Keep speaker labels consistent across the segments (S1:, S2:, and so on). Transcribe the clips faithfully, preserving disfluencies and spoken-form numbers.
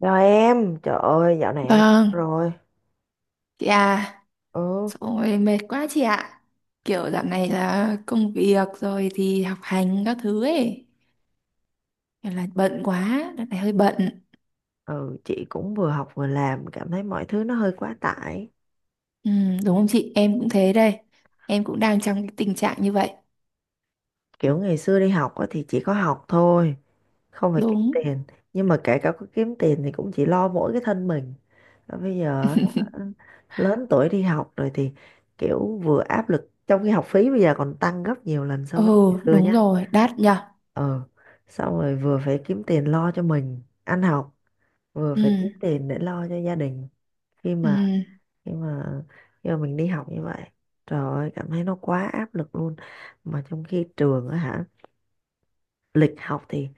S1: Rồi em, trời ơi, dạo này em
S2: Vâng,
S1: rồi.
S2: chị à,
S1: Ừ,
S2: rồi mệt quá chị ạ. Kiểu dạo này là công việc rồi thì học hành các thứ ấy, kiểu là bận quá, đợt này hơi bận.
S1: ừ, chị cũng vừa học vừa làm, cảm thấy mọi thứ nó hơi quá tải.
S2: Ừ, đúng không chị? Em cũng thế đây. Em cũng đang trong cái tình trạng như vậy.
S1: Kiểu ngày xưa đi học á thì chỉ có học thôi, không phải kiếm
S2: Đúng.
S1: tiền. Nhưng mà kể cả có kiếm tiền thì cũng chỉ lo mỗi cái thân mình. Và bây giờ hả, lớn tuổi đi học rồi thì kiểu vừa áp lực, trong khi học phí bây giờ còn tăng gấp nhiều lần so
S2: Ừ,
S1: với ngày xưa
S2: đúng
S1: nhá.
S2: rồi, đắt nhở.
S1: Ừ, xong rồi vừa phải kiếm tiền lo cho mình ăn học, vừa
S2: Ừ,
S1: phải kiếm tiền để lo cho gia đình. Khi
S2: ừ,
S1: mà nhưng mà giờ mình đi học như vậy, trời ơi cảm thấy nó quá áp lực luôn, mà trong khi trường á hả, lịch học thì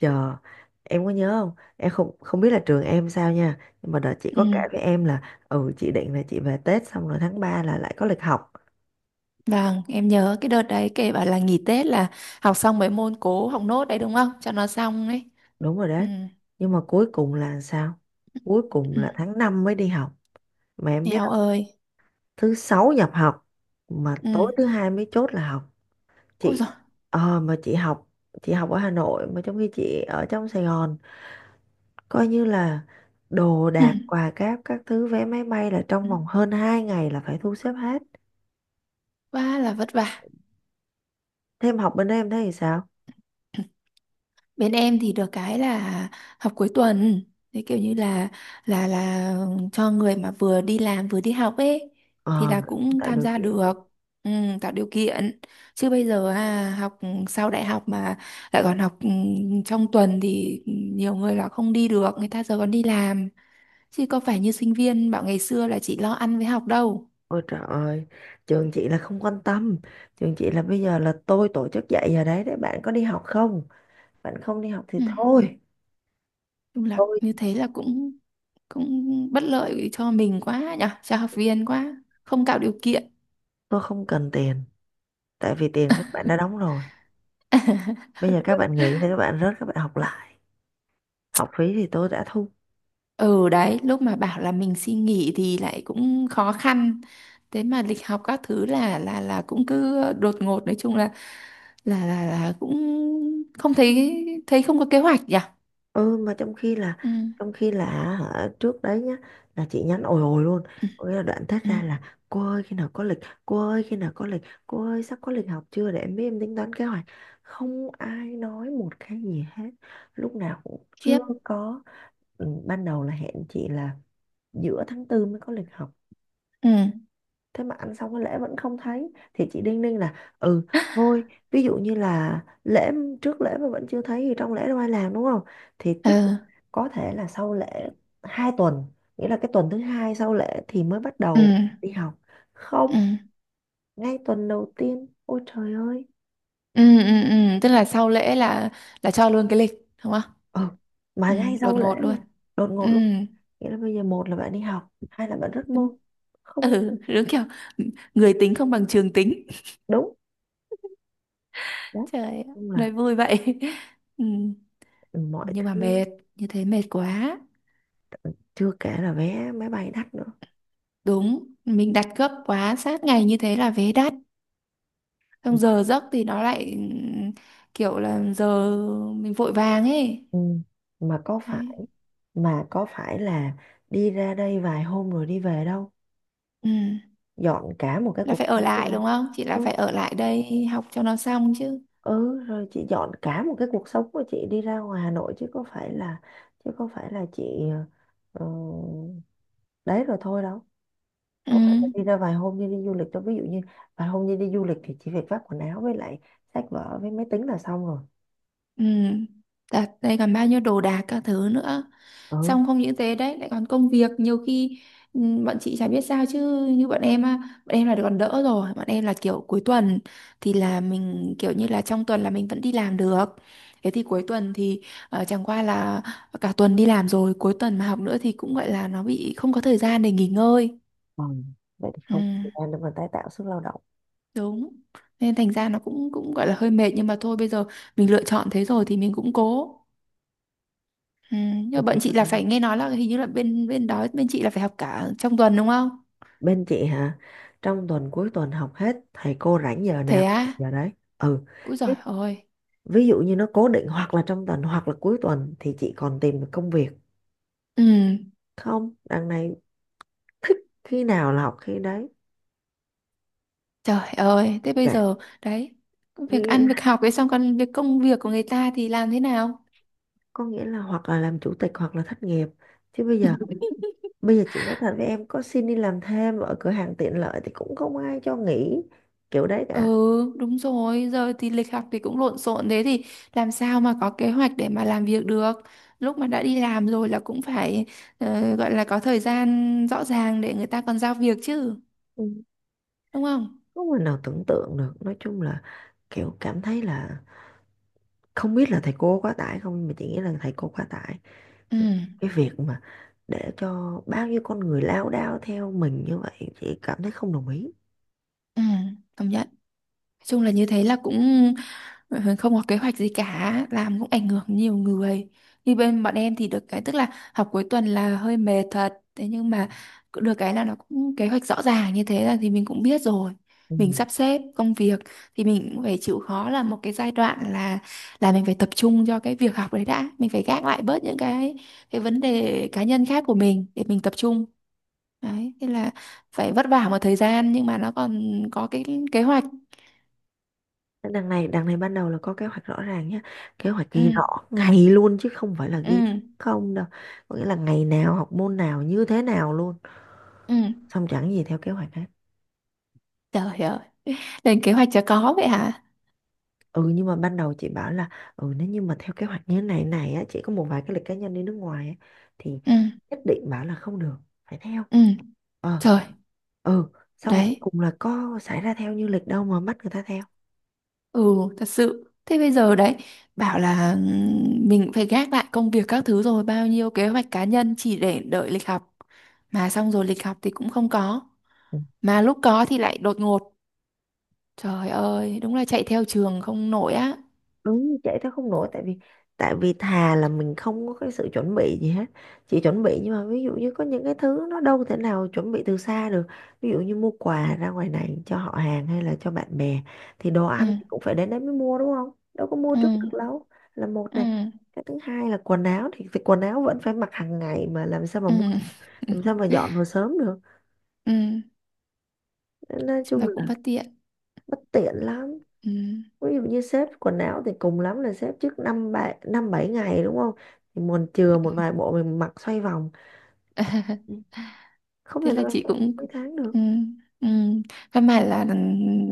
S1: giờ em có nhớ không, em không không biết là trường em sao nha, nhưng mà đợt chị
S2: ừ.
S1: có kể với em là ừ chị định là chị về Tết xong rồi tháng ba là lại có lịch học.
S2: Vâng, em nhớ cái đợt đấy kể bảo là nghỉ Tết là học xong mấy môn cố học nốt đấy đúng không? Cho nó xong ấy.
S1: Đúng rồi
S2: Ừ.
S1: đấy, nhưng mà cuối cùng là sao? Cuối cùng
S2: Ừ.
S1: là tháng năm mới đi học, mà em biết
S2: Eo
S1: không?
S2: ơi.
S1: Thứ sáu nhập học mà tối
S2: Ừ.
S1: thứ hai mới chốt là học.
S2: Ôi
S1: Chị
S2: giời.
S1: ờ, mà chị học, chị học ở Hà Nội mà trong khi chị ở trong Sài Gòn, coi như là đồ
S2: Ừ.
S1: đạc quà cáp các thứ vé máy bay là trong
S2: Ừ.
S1: vòng hơn hai ngày là phải thu xếp hết.
S2: Quá là vất vả.
S1: Thêm học bên đây em thấy thì sao?
S2: Bên em thì được cái là học cuối tuần, thế kiểu như là là là cho người mà vừa đi làm vừa đi học ấy,
S1: Ờ
S2: thì là cũng
S1: tạo
S2: tham
S1: điều
S2: gia
S1: kiện.
S2: được. Ừ, tạo điều kiện. Chứ bây giờ à, học sau đại học mà lại còn học, ừ, trong tuần thì nhiều người là không đi được, người ta giờ còn đi làm, chứ có phải như sinh viên bảo ngày xưa là chỉ lo ăn với học đâu.
S1: Ôi trời ơi, trường chị là không quan tâm. Trường chị là bây giờ là tôi tổ chức dạy giờ đấy để bạn có đi học không, bạn không đi học thì
S2: Ừ,
S1: thôi.
S2: chung là
S1: tôi
S2: như thế là cũng cũng bất lợi cho mình quá nhở, cho học viên quá không tạo điều kiện.
S1: tôi không cần tiền, tại vì tiền các bạn đã đóng rồi, bây giờ các bạn nghỉ thì các bạn rớt các bạn học lại, học phí thì tôi đã thu.
S2: Ừ đấy, lúc mà bảo là mình xin nghỉ thì lại cũng khó khăn, thế mà lịch học các thứ là là là cũng cứ đột ngột, nói chung là là là, là cũng không thấy thấy không có kế hoạch nhỉ.
S1: Ừ mà trong khi là
S2: Ừ,
S1: trong khi là, hả, trước đấy nhá, là chị nhắn ồi ồi luôn,
S2: ừ,
S1: có nghĩa là đoạn thét
S2: ừ.
S1: ra là cô ơi khi nào có lịch, cô ơi khi nào có lịch, cô ơi sắp có lịch học chưa để em biết em tính toán kế hoạch, không ai nói một cái gì hết. Lúc nào cũng chưa
S2: Khiếp.
S1: có. Ừ, ban đầu là hẹn chị là giữa tháng tư mới có lịch học.
S2: Ừ.
S1: Thế mà ăn xong cái lễ vẫn không thấy thì chị đinh ninh là ừ thôi, ví dụ như là lễ, trước lễ mà vẫn chưa thấy thì trong lễ đâu ai làm đúng không, thì tức
S2: Ừ,
S1: có thể là sau lễ hai tuần, nghĩa là cái tuần thứ hai sau lễ thì mới bắt
S2: ừ,
S1: đầu đi học. Không,
S2: ừ,
S1: ngay tuần đầu tiên, ôi trời ơi.
S2: ừ, ừ, ừ. Tức là sau lễ là là cho luôn cái lịch, đúng không?
S1: Ừ mà
S2: Ừ,
S1: ngay
S2: đột
S1: sau lễ
S2: ngột luôn.
S1: luôn, đột
S2: Ừ,
S1: ngột luôn. Nghĩa là bây giờ một là bạn đi học, hai là bạn rất môn. Không,
S2: ừ, đúng kiểu người tính không bằng trường tính.
S1: đúng đó.
S2: Trời ơi,
S1: Nhưng
S2: nói
S1: là
S2: vui vậy. Ừ.
S1: mọi
S2: Nhưng mà
S1: thứ
S2: mệt, như thế mệt quá.
S1: chưa kể là vé máy bay đắt nữa.
S2: Đúng, mình đặt gấp quá sát ngày như thế là vé đắt,
S1: Ừ.
S2: xong giờ giấc thì nó lại ừm, kiểu là giờ mình vội vàng ấy,
S1: Ừ. Mà có
S2: đấy.
S1: phải mà có phải là đi ra đây vài hôm rồi đi về đâu,
S2: Ừ.
S1: dọn cả một cái
S2: Là
S1: cuộc
S2: phải ở
S1: sống đi
S2: lại
S1: ra.
S2: đúng không chị, là
S1: Ừ,
S2: phải ở lại đây học cho nó xong chứ.
S1: ừ rồi chị dọn cả một cái cuộc sống của chị đi ra ngoài Hà Nội, chứ có phải là chứ có phải là chị ờ, đấy rồi thôi đâu,
S2: Ừ.
S1: có phải là đi ra vài hôm như đi du lịch đâu. Ví dụ như vài hôm như đi du lịch thì chỉ việc vác quần áo với lại sách vở với máy tính là xong rồi.
S2: Ừ. Đặt đây còn bao nhiêu đồ đạc các thứ nữa,
S1: Ừ,
S2: xong không những thế đấy lại còn công việc nhiều khi, ừm, bọn chị chả biết sao chứ như bọn em á, bọn em là còn đỡ rồi, bọn em là kiểu cuối tuần thì là mình kiểu như là trong tuần là mình vẫn đi làm được, thế thì cuối tuần thì ờ, chẳng qua là cả tuần đi làm rồi cuối tuần mà học nữa thì cũng gọi là nó bị không có thời gian để nghỉ ngơi.
S1: ừ. Vậy thì
S2: Ừ,
S1: không có thời gian để mà tái tạo sức lao động.
S2: đúng. Nên thành ra nó cũng cũng gọi là hơi mệt, nhưng mà thôi bây giờ mình lựa chọn thế rồi thì mình cũng cố. Ừ, nhưng
S1: Thì
S2: mà
S1: chỉ
S2: bọn
S1: có
S2: chị
S1: thể.
S2: là phải, nghe nói là hình như là bên bên đó bên chị là phải học cả trong tuần đúng không?
S1: Bên chị hả? Trong tuần cuối tuần học hết, thầy cô rảnh giờ
S2: Thế
S1: nào học
S2: á?
S1: giờ đấy. Ừ.
S2: Úi
S1: Thế,
S2: giời ơi.
S1: ví dụ như nó cố định hoặc là trong tuần hoặc là cuối tuần thì chị còn tìm được công việc.
S2: Ừ,
S1: Không, đằng này thích khi nào là học khi đấy.
S2: trời ơi, thế bây
S1: Dạ.
S2: giờ đấy, việc
S1: Nghĩa
S2: ăn việc
S1: là,
S2: học ấy xong còn việc công việc của người ta thì làm thế nào?
S1: có nghĩa là hoặc là làm chủ tịch hoặc là thất nghiệp. Chứ bây giờ, bây giờ chị nói thật với em có xin đi làm thêm ở cửa hàng tiện lợi thì cũng không ai cho nghỉ kiểu đấy cả.
S2: Ừ, đúng rồi, giờ thì lịch học thì cũng lộn xộn thế thì làm sao mà có kế hoạch để mà làm việc được. Lúc mà đã đi làm rồi là cũng phải ờ, gọi là có thời gian rõ ràng để người ta còn giao việc chứ,
S1: Ừ.
S2: đúng không?
S1: Không người nào tưởng tượng được. Nói chung là kiểu cảm thấy là không biết là thầy cô quá tải không, mà chị nghĩ là thầy cô quá tải
S2: Ừ,
S1: cái việc mà để cho bao nhiêu con người lao đao theo mình như vậy, chị cảm thấy không đồng ý.
S2: ừ, công nhận. Nói chung là như thế là cũng, Ờ, không có kế hoạch gì cả làm cũng ảnh hưởng nhiều người. Như bên bọn em thì được cái tức là học cuối tuần là hơi mệt thật, thế nhưng mà cũng được cái là nó cũng kế hoạch rõ ràng như thế là thì mình cũng biết rồi
S1: Ừ.
S2: mình sắp xếp công việc, thì mình cũng phải chịu khó là một cái giai đoạn là là mình phải tập trung cho cái việc học đấy đã, mình phải gác lại bớt những cái cái vấn đề cá nhân khác của mình để mình tập trung. Đấy thế là phải vất vả một thời gian nhưng mà nó còn có cái kế hoạch.
S1: Thế đằng này đằng này ban đầu là có kế hoạch rõ ràng nhé, kế hoạch ghi rõ
S2: Ừ,
S1: ngày luôn chứ không phải là
S2: ừ,
S1: ghi không đâu, có nghĩa là ngày nào học môn nào như thế nào luôn,
S2: ừ.
S1: xong chẳng gì theo kế hoạch hết.
S2: Trời ơi, lên kế hoạch cho có vậy hả.
S1: Ừ nhưng mà ban đầu chị bảo là ừ nếu như mà theo kế hoạch như thế này này á, chị có một vài cái lịch cá nhân đi nước ngoài á, thì
S2: Ừ,
S1: nhất định bảo là không được, phải theo,
S2: ừ,
S1: ờ,
S2: trời,
S1: ừ. Xong rồi cuối
S2: đấy.
S1: cùng là có xảy ra theo như lịch đâu mà bắt người ta theo.
S2: Ừ, thật sự, thế bây giờ đấy bảo là ừm, mình phải gác lại công việc các thứ rồi bao nhiêu kế hoạch cá nhân chỉ để đợi lịch học, mà xong rồi lịch học thì cũng không có,
S1: Ừ.
S2: mà lúc có thì lại đột ngột. Trời ơi, đúng là chạy theo trường không nổi á.
S1: Đúng chạy theo không nổi, tại vì tại vì thà là mình không có cái sự chuẩn bị gì hết, chỉ chuẩn bị, nhưng mà ví dụ như có những cái thứ nó đâu thể nào chuẩn bị từ xa được. Ví dụ như mua quà ra ngoài này cho họ hàng hay là cho bạn bè thì đồ
S2: Ừ,
S1: ăn thì cũng phải đến đấy mới mua đúng không, đâu có mua
S2: ừ,
S1: trước được đâu, là một
S2: ừ,
S1: nè. Cái thứ hai là quần áo thì, thì quần áo vẫn phải mặc hàng ngày mà làm sao mà
S2: ừ.
S1: mua, làm sao mà dọn vào sớm được.
S2: Ừ.
S1: Nên nói
S2: Chúng
S1: chung
S2: ta
S1: là
S2: cũng bất tiện.
S1: bất tiện lắm.
S2: Ừ.
S1: Ví dụ như xếp quần áo thì cùng lắm là xếp trước năm bảy năm bảy ngày đúng không, thì mình chừa một vài bộ mình mặc xoay vòng. Ừ. Không
S2: Thế
S1: thể nào
S2: là chị
S1: sắp
S2: cũng,
S1: mấy tháng được.
S2: ừ, ừ. Căn bản là, ừ,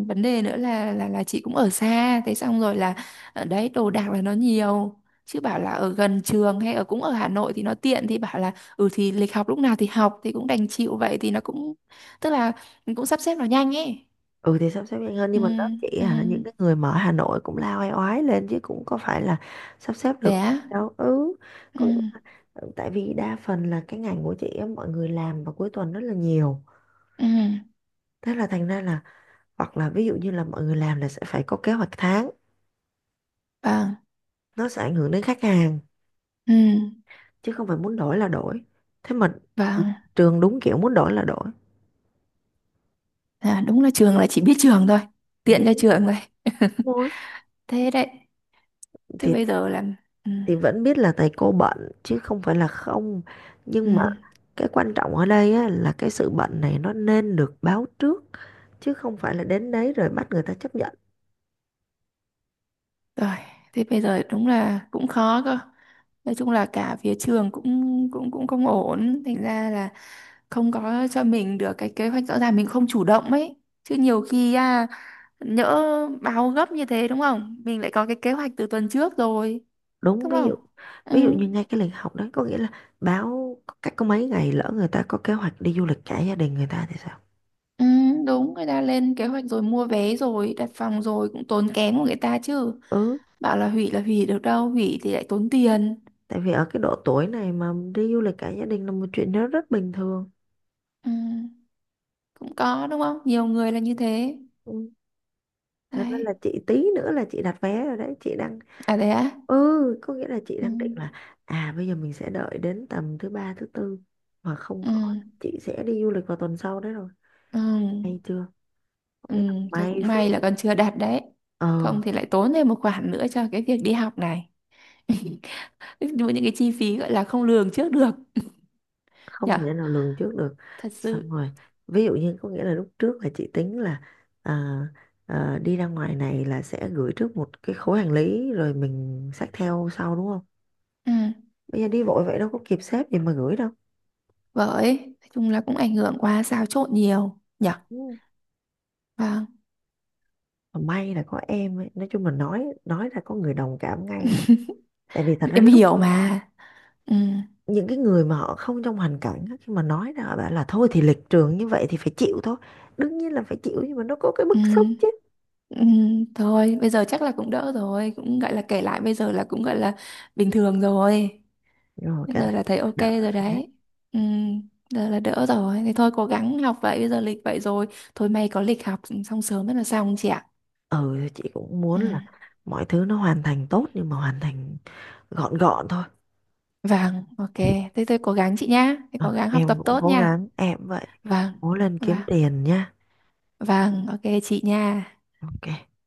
S2: vấn đề nữa là là là chị cũng ở xa, thế xong rồi là ở đấy đồ đạc là nó nhiều, chứ bảo là ở gần trường hay ở cũng ở Hà Nội thì nó tiện, thì bảo là ừ thì lịch học lúc nào thì học thì cũng đành chịu vậy thì nó cũng tức là mình cũng sắp xếp nó nhanh ấy.
S1: Ừ thì sắp xếp nhanh hơn
S2: Ừ,
S1: nhưng mà đó chỉ
S2: ừ.
S1: là những cái người mà ở Hà Nội cũng lao oai oái lên chứ cũng có phải là sắp xếp
S2: Thế
S1: được
S2: á?
S1: đâu. Ừ,
S2: Ừ,
S1: có nghĩa là, ừ, tại vì đa phần là cái ngành của chị á, mọi người làm vào cuối tuần rất là nhiều,
S2: ừ.
S1: thế là thành ra là hoặc là ví dụ như là mọi người làm là sẽ phải có kế hoạch tháng,
S2: Vâng.
S1: nó sẽ ảnh hưởng đến khách hàng,
S2: Ừ.
S1: chứ không phải muốn đổi là đổi, thế mà
S2: Vâng.
S1: trường đúng kiểu muốn đổi là đổi.
S2: À, đúng là trường là chỉ biết trường thôi,
S1: Ừ,
S2: tiện cho
S1: đúng
S2: trường thôi.
S1: thôi.
S2: Thế đấy, chứ
S1: thì
S2: bây giờ là, ừ.
S1: thì vẫn biết là thầy cô bận chứ không phải là không,
S2: Ừ,
S1: nhưng mà cái quan trọng ở đây á, là cái sự bận này nó nên được báo trước, chứ không phải là đến đấy rồi bắt người ta chấp nhận.
S2: rồi, thế bây giờ đúng là cũng khó cơ. Nói chung là cả phía trường cũng cũng cũng không ổn, thành ra là không có cho mình được cái kế hoạch rõ ràng, mình không chủ động ấy. Chứ nhiều khi à, nhỡ báo gấp như thế đúng không? Mình lại có cái kế hoạch từ tuần trước rồi,
S1: Đúng,
S2: đúng
S1: ví
S2: không?
S1: dụ
S2: Ừ,
S1: ví dụ như ngay cái lịch học đấy có nghĩa là báo cách có mấy ngày, lỡ người ta có kế hoạch đi du lịch cả gia đình người ta thì sao.
S2: ừ, đúng, người ta lên kế hoạch rồi mua vé rồi, đặt phòng rồi cũng tốn kém của người ta chứ.
S1: Ừ,
S2: Bảo là hủy là hủy được đâu, hủy thì lại tốn tiền.
S1: tại vì ở cái độ tuổi này mà đi du lịch cả gia đình là một chuyện nó rất bình thường.
S2: Ừ, cũng có đúng không? Nhiều người là như thế.
S1: Ừ. Thật ra
S2: Đấy.
S1: là chị tí nữa là chị đặt vé rồi đấy, chị đang
S2: À, thế á?
S1: ừ, có nghĩa là chị
S2: Ừ,
S1: đang định là à bây giờ mình sẽ đợi đến tầm thứ ba thứ tư, mà không
S2: ừ,
S1: có chị sẽ đi du lịch vào tuần sau đấy rồi
S2: ừ,
S1: hay chưa, có
S2: ừ.
S1: nghĩa là
S2: Thôi
S1: may
S2: cũng
S1: phước,
S2: may là con chưa đạt đấy,
S1: ờ.
S2: không thì lại tốn thêm một khoản nữa cho cái việc đi học này. Đúng, những cái chi phí gọi là không lường trước được
S1: Không
S2: nhở,
S1: thể nào lường trước được.
S2: thật
S1: Xong
S2: sự.
S1: rồi ví dụ như có nghĩa là lúc trước là chị tính là à, à, đi ra ngoài này là sẽ gửi trước một cái khối hành lý rồi mình xách theo sau đúng không,
S2: Ừ,
S1: bây giờ đi vội vậy đâu có kịp xếp gì mà gửi đâu.
S2: bởi nói chung là cũng ảnh hưởng qua xáo trộn nhiều nhở.
S1: Ừ.
S2: Vâng,
S1: Mà may là có em ấy. Nói chung là nói nói ra có người đồng cảm ngay, tại vì thật ra
S2: em
S1: lúc
S2: hiểu mà. Ừ,
S1: những cái người mà họ không trong hoàn cảnh á, khi mà nói ra họ bảo là thôi thì lịch trường như vậy thì phải chịu thôi, đương nhiên là phải chịu nhưng mà nó có cái bức xúc chứ.
S2: ừ, ừ. Thôi bây giờ chắc là cũng đỡ rồi, cũng gọi là kể lại bây giờ là cũng gọi là bình thường rồi.
S1: Rồi
S2: Bây
S1: cả
S2: giờ
S1: là
S2: là thấy ok
S1: đỡ
S2: rồi
S1: đấy.
S2: đấy. Ừ, giờ là đỡ rồi. Thì thôi cố gắng học vậy, bây giờ lịch vậy rồi. Thôi may có lịch học xong sớm rất là xong chị ạ.
S1: Ừ thì chị cũng
S2: Ừ.
S1: muốn là mọi thứ nó hoàn thành tốt nhưng mà hoàn thành gọn gọn thôi.
S2: Vâng, ok. Thế tôi cố gắng chị nhá. Thế
S1: Ừ,
S2: cố gắng học
S1: em
S2: tập
S1: cũng
S2: tốt
S1: cố
S2: nha.
S1: gắng em cũng vậy,
S2: Vâng,
S1: cố lên
S2: vâng,
S1: kiếm tiền nha.
S2: vâng, ok chị nha.
S1: OK.